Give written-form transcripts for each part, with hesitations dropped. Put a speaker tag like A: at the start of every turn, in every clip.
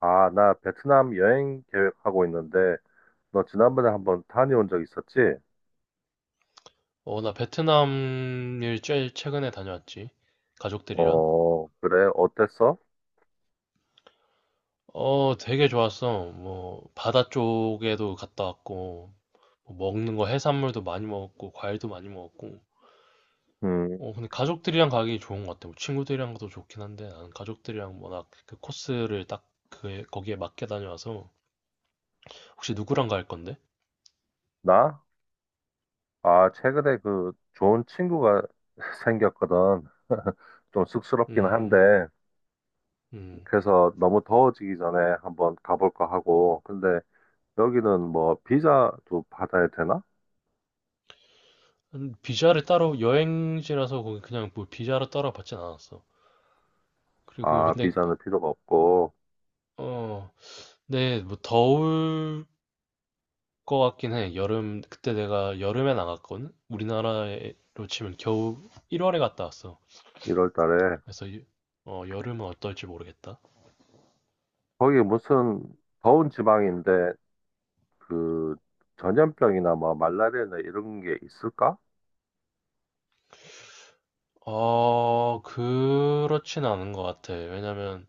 A: 아, 나 베트남 여행 계획하고 있는데, 너 지난번에 한번 타니 온 적 있었지?
B: 나 베트남을 제일 최근에 다녀왔지. 가족들이랑.
A: 어, 그래, 어땠어?
B: 되게 좋았어. 뭐, 바다 쪽에도 갔다 왔고, 뭐 먹는 거 해산물도 많이 먹었고, 과일도 많이 먹었고.
A: 음,
B: 근데 가족들이랑 가기 좋은 것 같아. 뭐 친구들이랑도 좋긴 한데, 나는 가족들이랑 워낙 그 코스를 딱 그, 거기에 맞게 다녀와서. 혹시 누구랑 갈 건데?
A: 나? 아, 최근에 그 좋은 친구가 생겼거든. 좀 쑥스럽긴
B: 음,
A: 한데,
B: 음.
A: 그래서 너무 더워지기 전에 한번 가볼까 하고, 근데 여기는 뭐 비자도 받아야 되나?
B: 음. 비자를 따로, 여행지라서 거기 그냥 뭐 비자를 따로 받진 않았어. 그리고
A: 아,
B: 근데,
A: 비자는 필요가 없고,
B: 어, 네, 뭐 더울 것 같긴 해. 여름, 그때 내가 여름에 나갔거든? 우리나라로 치면 겨우 1월에 갔다 왔어.
A: 1월 달에.
B: 그래서, 어, 여름은 어떨지 모르겠다.
A: 거기 무슨 더운 지방인데, 그 전염병이나 뭐 말라리아나 이런 게 있을까?
B: 그렇진 않은 것 같아. 왜냐면,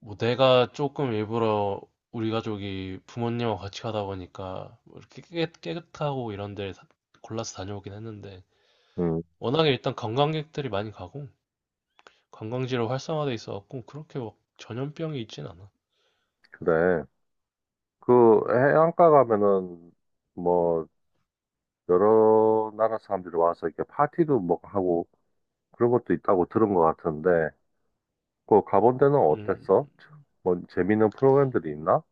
B: 뭐 내가 조금 일부러 우리 가족이 부모님하고 같이 가다 보니까, 뭐 이렇게 깨끗하고 이런 데 골라서 다녀오긴 했는데,
A: 음,
B: 워낙에 일단 관광객들이 많이 가고, 관광지로 활성화돼 있어갖고, 그렇게 막 전염병이 있진 않아.
A: 그래. 그 해안가 가면은 뭐 여러 나라 사람들이 와서 이렇게 파티도 뭐 하고 그런 것도 있다고 들은 것 같은데 그 가본 데는
B: 음.
A: 어땠어? 뭐 재밌는 프로그램들이 있나?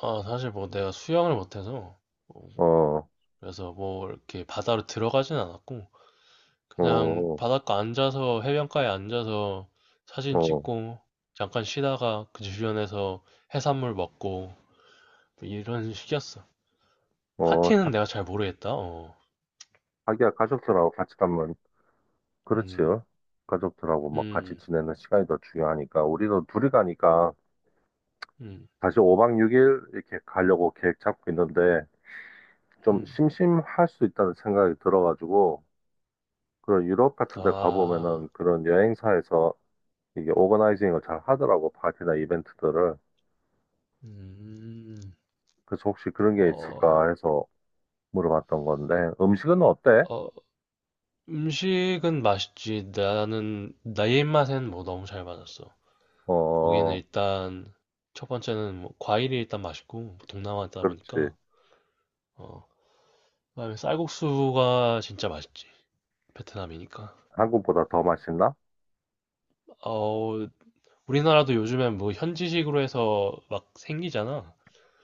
B: 아, 사실 뭐 내가 수영을 못해서, 어,
A: 어,
B: 그래서 뭐 이렇게 바다로 들어가진 않았고, 그냥
A: 어,
B: 바닷가 앉아서, 해변가에 앉아서 사진
A: 어,
B: 찍고, 잠깐 쉬다가 그 주변에서 해산물 먹고, 뭐 이런 식이었어.
A: 어,
B: 파티는
A: 사-
B: 내가 잘 모르겠다, 어.
A: 자기야 가족들하고 같이 가면 그렇지.
B: 음,
A: 요 가족들하고 막 같이
B: 음,
A: 지내는 시간이 더 중요하니까 우리도 둘이 가니까
B: 음,
A: 다시 5박 6일 이렇게 가려고 계획 잡고 있는데 좀
B: 음.
A: 심심할 수 있다는 생각이 들어가지고 그런 유럽 같은 데
B: 아,
A: 가보면은 그런 여행사에서 이게 오거나이징을 잘 하더라고 파티나 이벤트들을.
B: 음,
A: 그래서 혹시 그런 게
B: 어,
A: 있을까 해서 물어봤던 건데 음식은 어때?
B: 어, 음식은 맛있지. 나는, 나의 입맛엔 뭐 너무 잘 맞았어. 거기는
A: 어,
B: 일단 첫 번째는 뭐 과일이 일단 맛있고 뭐 동남아다 보니까.
A: 그렇지.
B: 어, 그다음에 쌀국수가 진짜 맛있지. 베트남이니까.
A: 한국보다 더 맛있나?
B: 어, 우리나라도 요즘엔 뭐 현지식으로 해서 막 생기잖아.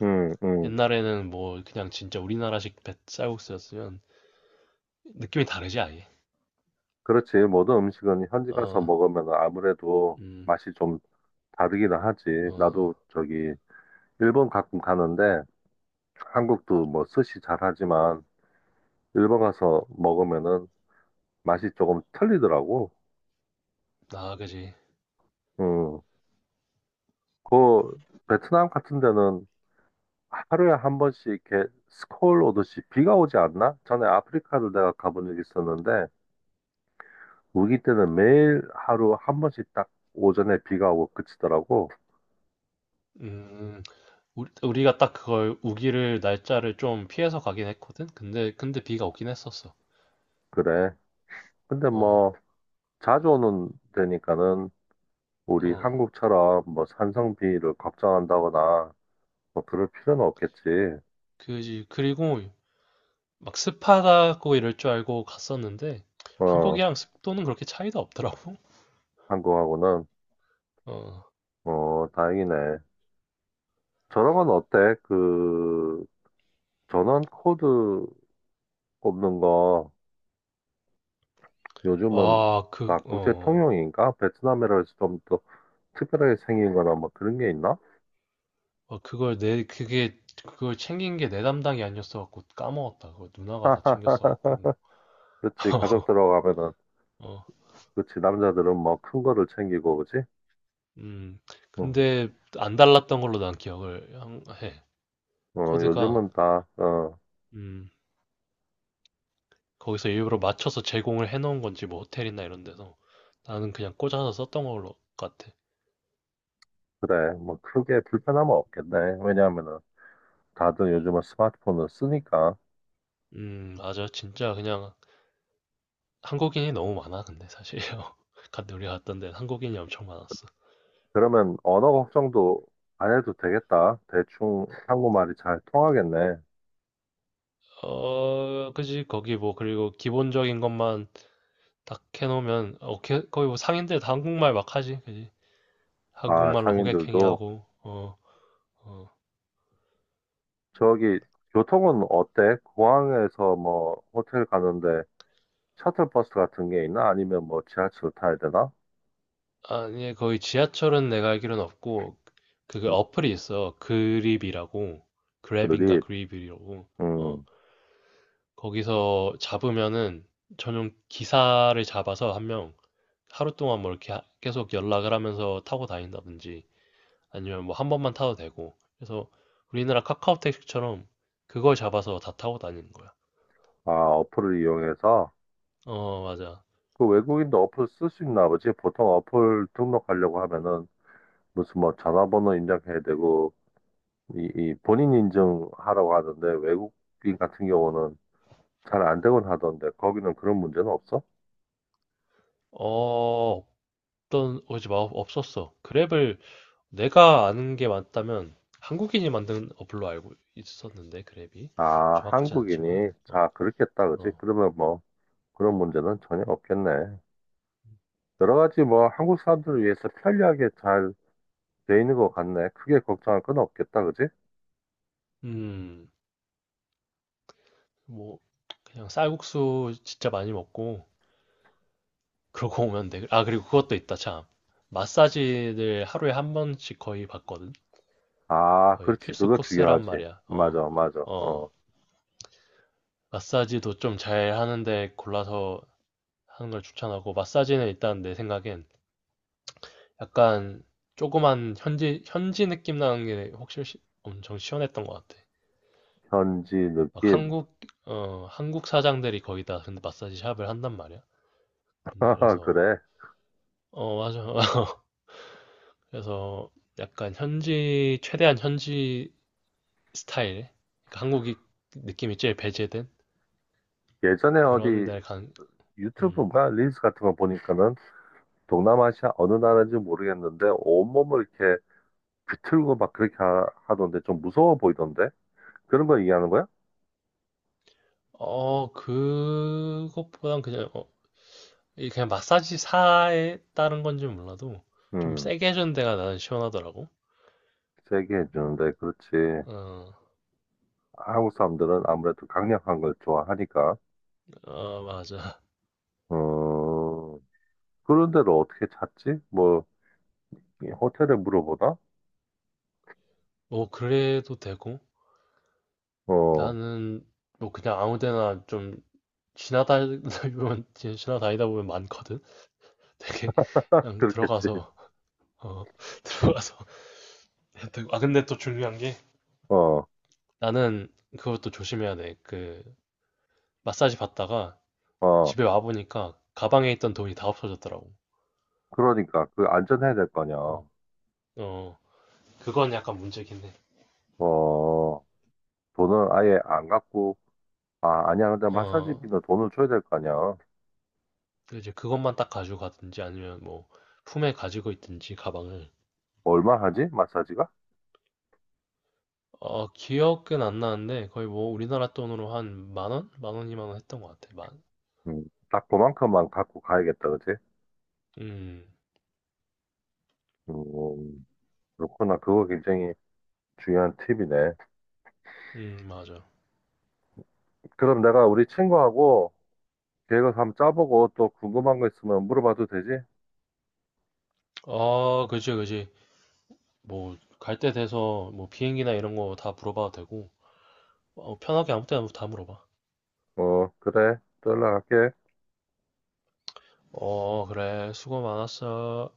A: 응, 응.
B: 옛날에는 뭐 그냥 진짜 우리나라식 쌀국수였으면 느낌이 다르지 아예.
A: 그렇지, 모든 음식은 현지 가서 먹으면 아무래도
B: 어음어나.
A: 맛이 좀 다르기는 하지. 나도 저기 일본 가끔 가는데 한국도 뭐 스시 잘하지만 일본 가서 먹으면은 맛이 조금 틀리더라고.
B: 그지.
A: 음, 그 베트남 같은 데는 하루에 한 번씩 이렇게 스콜 오듯이 비가 오지 않나? 전에 아프리카를 내가 가본 적이 있었는데 우기 때는 매일 하루 한 번씩 딱 오전에 비가 오고 그치더라고.
B: 음. 우리가 딱 그걸 우기를 날짜를 좀 피해서 가긴 했거든. 근데 비가 오긴 했었어.
A: 그래. 근데
B: 어.
A: 뭐 자주 오는 데니까는 우리
B: 어.
A: 한국처럼 뭐 산성비를 걱정한다거나 뭐 그럴 필요는 없겠지.
B: 그지. 그리고 막 습하다고 이럴 줄 알고 갔었는데
A: 어.
B: 한국이랑 습도는 그렇게 차이도 없더라고.
A: 한국하고는
B: 어.
A: 어, 다행이네. 저런 건 어때? 그, 전원 코드 꼽는 거 요즘은
B: 아, 그,
A: 막 국제
B: 어.
A: 통용인가? 베트남이라 해서 좀 더 특별하게 생긴 거나 뭐 그런 게 있나?
B: 어, 그걸 챙긴 게 내 담당이 아니었어 갖고 까먹었다. 그거 누나가 다 챙겼어 갖고.
A: 그치, 가족 들어가면은,
B: 어.
A: 그치, 남자들은 뭐 큰 거를 챙기고, 그치?
B: 음.
A: 응.
B: 근데 안 달랐던 걸로 난 기억을 해.
A: 어,
B: 코드가.
A: 요즘은 다, 어,
B: 음. 거기서 일부러 맞춰서 제공을 해놓은 건지 뭐 호텔이나 이런 데서 나는 그냥 꽂아서 썼던 걸로 같아.
A: 그래. 뭐 크게 불편함은 없겠네. 왜냐하면은 다들 요즘은 스마트폰을 쓰니까.
B: 맞아. 진짜 그냥 한국인이 너무 많아, 근데 사실요. 갔 우리 갔던 데는 한국인이 엄청 많았어.
A: 그러면 언어 걱정도 안 해도 되겠다. 대충 한국말이 잘 통하겠네.
B: 어, 그지? 거기 뭐, 그리고 기본적인 것만 딱 해놓으면, 어, 거의 뭐 상인들 다 한국말 막 하지, 그지?
A: 아,
B: 한국말로
A: 상인들도.
B: 호객행위하고, 어, 어.
A: 저기, 교통은 어때? 공항에서 뭐, 호텔 가는데 셔틀버스 같은 게 있나? 아니면 뭐, 지하철 타야 되나?
B: 아니, 거의 지하철은 내가 알기로는 없고, 그 어플이 있어. 그립이라고. 그랩인가
A: 그들이,
B: 그립이라고. 어,
A: 음,
B: 거기서 잡으면은 전용 기사를 잡아서 한 명, 하루 동안 뭐 이렇게 하 계속 연락을 하면서 타고 다닌다든지 아니면 뭐 한 번만 타도 되고 그래서 우리나라 카카오 택시처럼 그걸 잡아서 다 타고 다니는 거야.
A: 아, 어플을 이용해서,
B: 어, 맞아.
A: 그 외국인도 어플 쓸 수 있나 보지? 보통 어플 등록하려고 하면은, 무슨 뭐, 전화번호 입력해야 되고, 이 본인 인증하라고 하던데, 외국인 같은 경우는 잘 안 되곤 하던데, 거기는 그런 문제는 없어?
B: 어, 없던 오지 마 없었어. 그랩을 내가 아는 게 맞다면 한국인이 만든 어플로 알고 있었는데 그랩이.
A: 아,
B: 정확하지 않지만.
A: 한국인이,
B: 어.
A: 자, 그렇겠다, 그지?
B: 어.
A: 그러면 뭐, 그런
B: 어.
A: 문제는 전혀 없겠네. 여러 가지 뭐 한국 사람들을 위해서 편리하게 잘 돼 있는 것 같네. 크게 걱정할 건 없겠다, 그지?
B: 음. 뭐 그냥 쌀국수 진짜 많이 먹고 그러고 오면 돼. 아, 그리고 그것도 있다, 참. 마사지를 하루에 한 번씩 거의 받거든?
A: 아,
B: 거의
A: 그렇지.
B: 필수
A: 그거
B: 코스란
A: 중요하지.
B: 말이야. 어,
A: 맞아, 맞아. 어,
B: 어. 마사지도 좀 잘 하는데 골라서 하는 걸 추천하고, 마사지는 일단 내 생각엔 약간 조그만 현지 느낌 나는 게 확실히 엄청 시원했던 것 같아.
A: 현지
B: 막
A: 느낌.
B: 한국, 어, 한국 사장들이 거의 다 근데 마사지 샵을 한단 말이야. 근데 그래서,
A: 그래.
B: 어, 맞아. 그래서 약간 현지, 최대한 현지 스타일, 그러니까 한국이 느낌이 제일 배제된
A: 예전에
B: 그런
A: 어디
B: 데를 간, 음.
A: 유튜브가 릴스 같은 거 보니까는 동남아시아 어느 나라인지 모르겠는데 온몸을 이렇게 비틀고 막 그렇게 하던데 좀 무서워 보이던데? 그런 거 얘기하는 거야?
B: 어, 그것보단 그냥, 어, 이 그냥 마사지사에 따른 건지 몰라도 좀
A: 음,
B: 세게 해준 데가 나는 시원하더라고.
A: 세게 해주는데, 그렇지.
B: 어,
A: 한국 사람들은 아무래도 강력한 걸 좋아하니까.
B: 어, 맞아.
A: 어, 그런 데를 어떻게 찾지? 뭐, 이 호텔에 물어보나?
B: 뭐, 그래도 되고,
A: 어,
B: 나는 뭐 그냥 아무 데나 좀 지나다니다 보면 많거든? 되게, 그냥
A: 그렇겠지.
B: 들어가서, 어, 들어가서. 아, 근데 또 중요한 게,
A: 어,
B: 나는 그것도 조심해야 돼. 그, 마사지 받다가
A: 어,
B: 집에 와 보니까 가방에 있던 돈이 다 없어졌더라고.
A: 그러니까 그 안전해야 될 거냐.
B: 어, 어, 그건 약간 문제긴 해.
A: 어, 돈을 아예 안 갖고, 아, 아니야. 근데
B: 어,
A: 마사지비는 돈을 줘야 될 거 아니야.
B: 그 이제 그것만 딱 가지고 가든지 아니면 뭐 품에 가지고 있든지 가방을.
A: 얼마 하지? 마사지가?
B: 어, 기억은 안 나는데 거의 뭐 우리나라 돈으로 한 10,000원? 10,000원, 20,000원 했던 것 같아. 만.
A: 음, 딱 그만큼만 갖고 가야겠다, 그치?
B: 음,
A: 음, 그렇구나. 그거 굉장히 중요한 팁이네.
B: 맞아.
A: 그럼 내가 우리 친구하고 계획을 한번 짜보고 또 궁금한 거 있으면 물어봐도 되지?
B: 아, 그지, 그지. 뭐, 갈 때 돼서 뭐 비행기나 이런 거 다 물어봐도 되고, 어, 편하게 아무 때나 다 물어봐.
A: 어, 그래. 또 연락할게.
B: 어, 그래. 수고 많았어.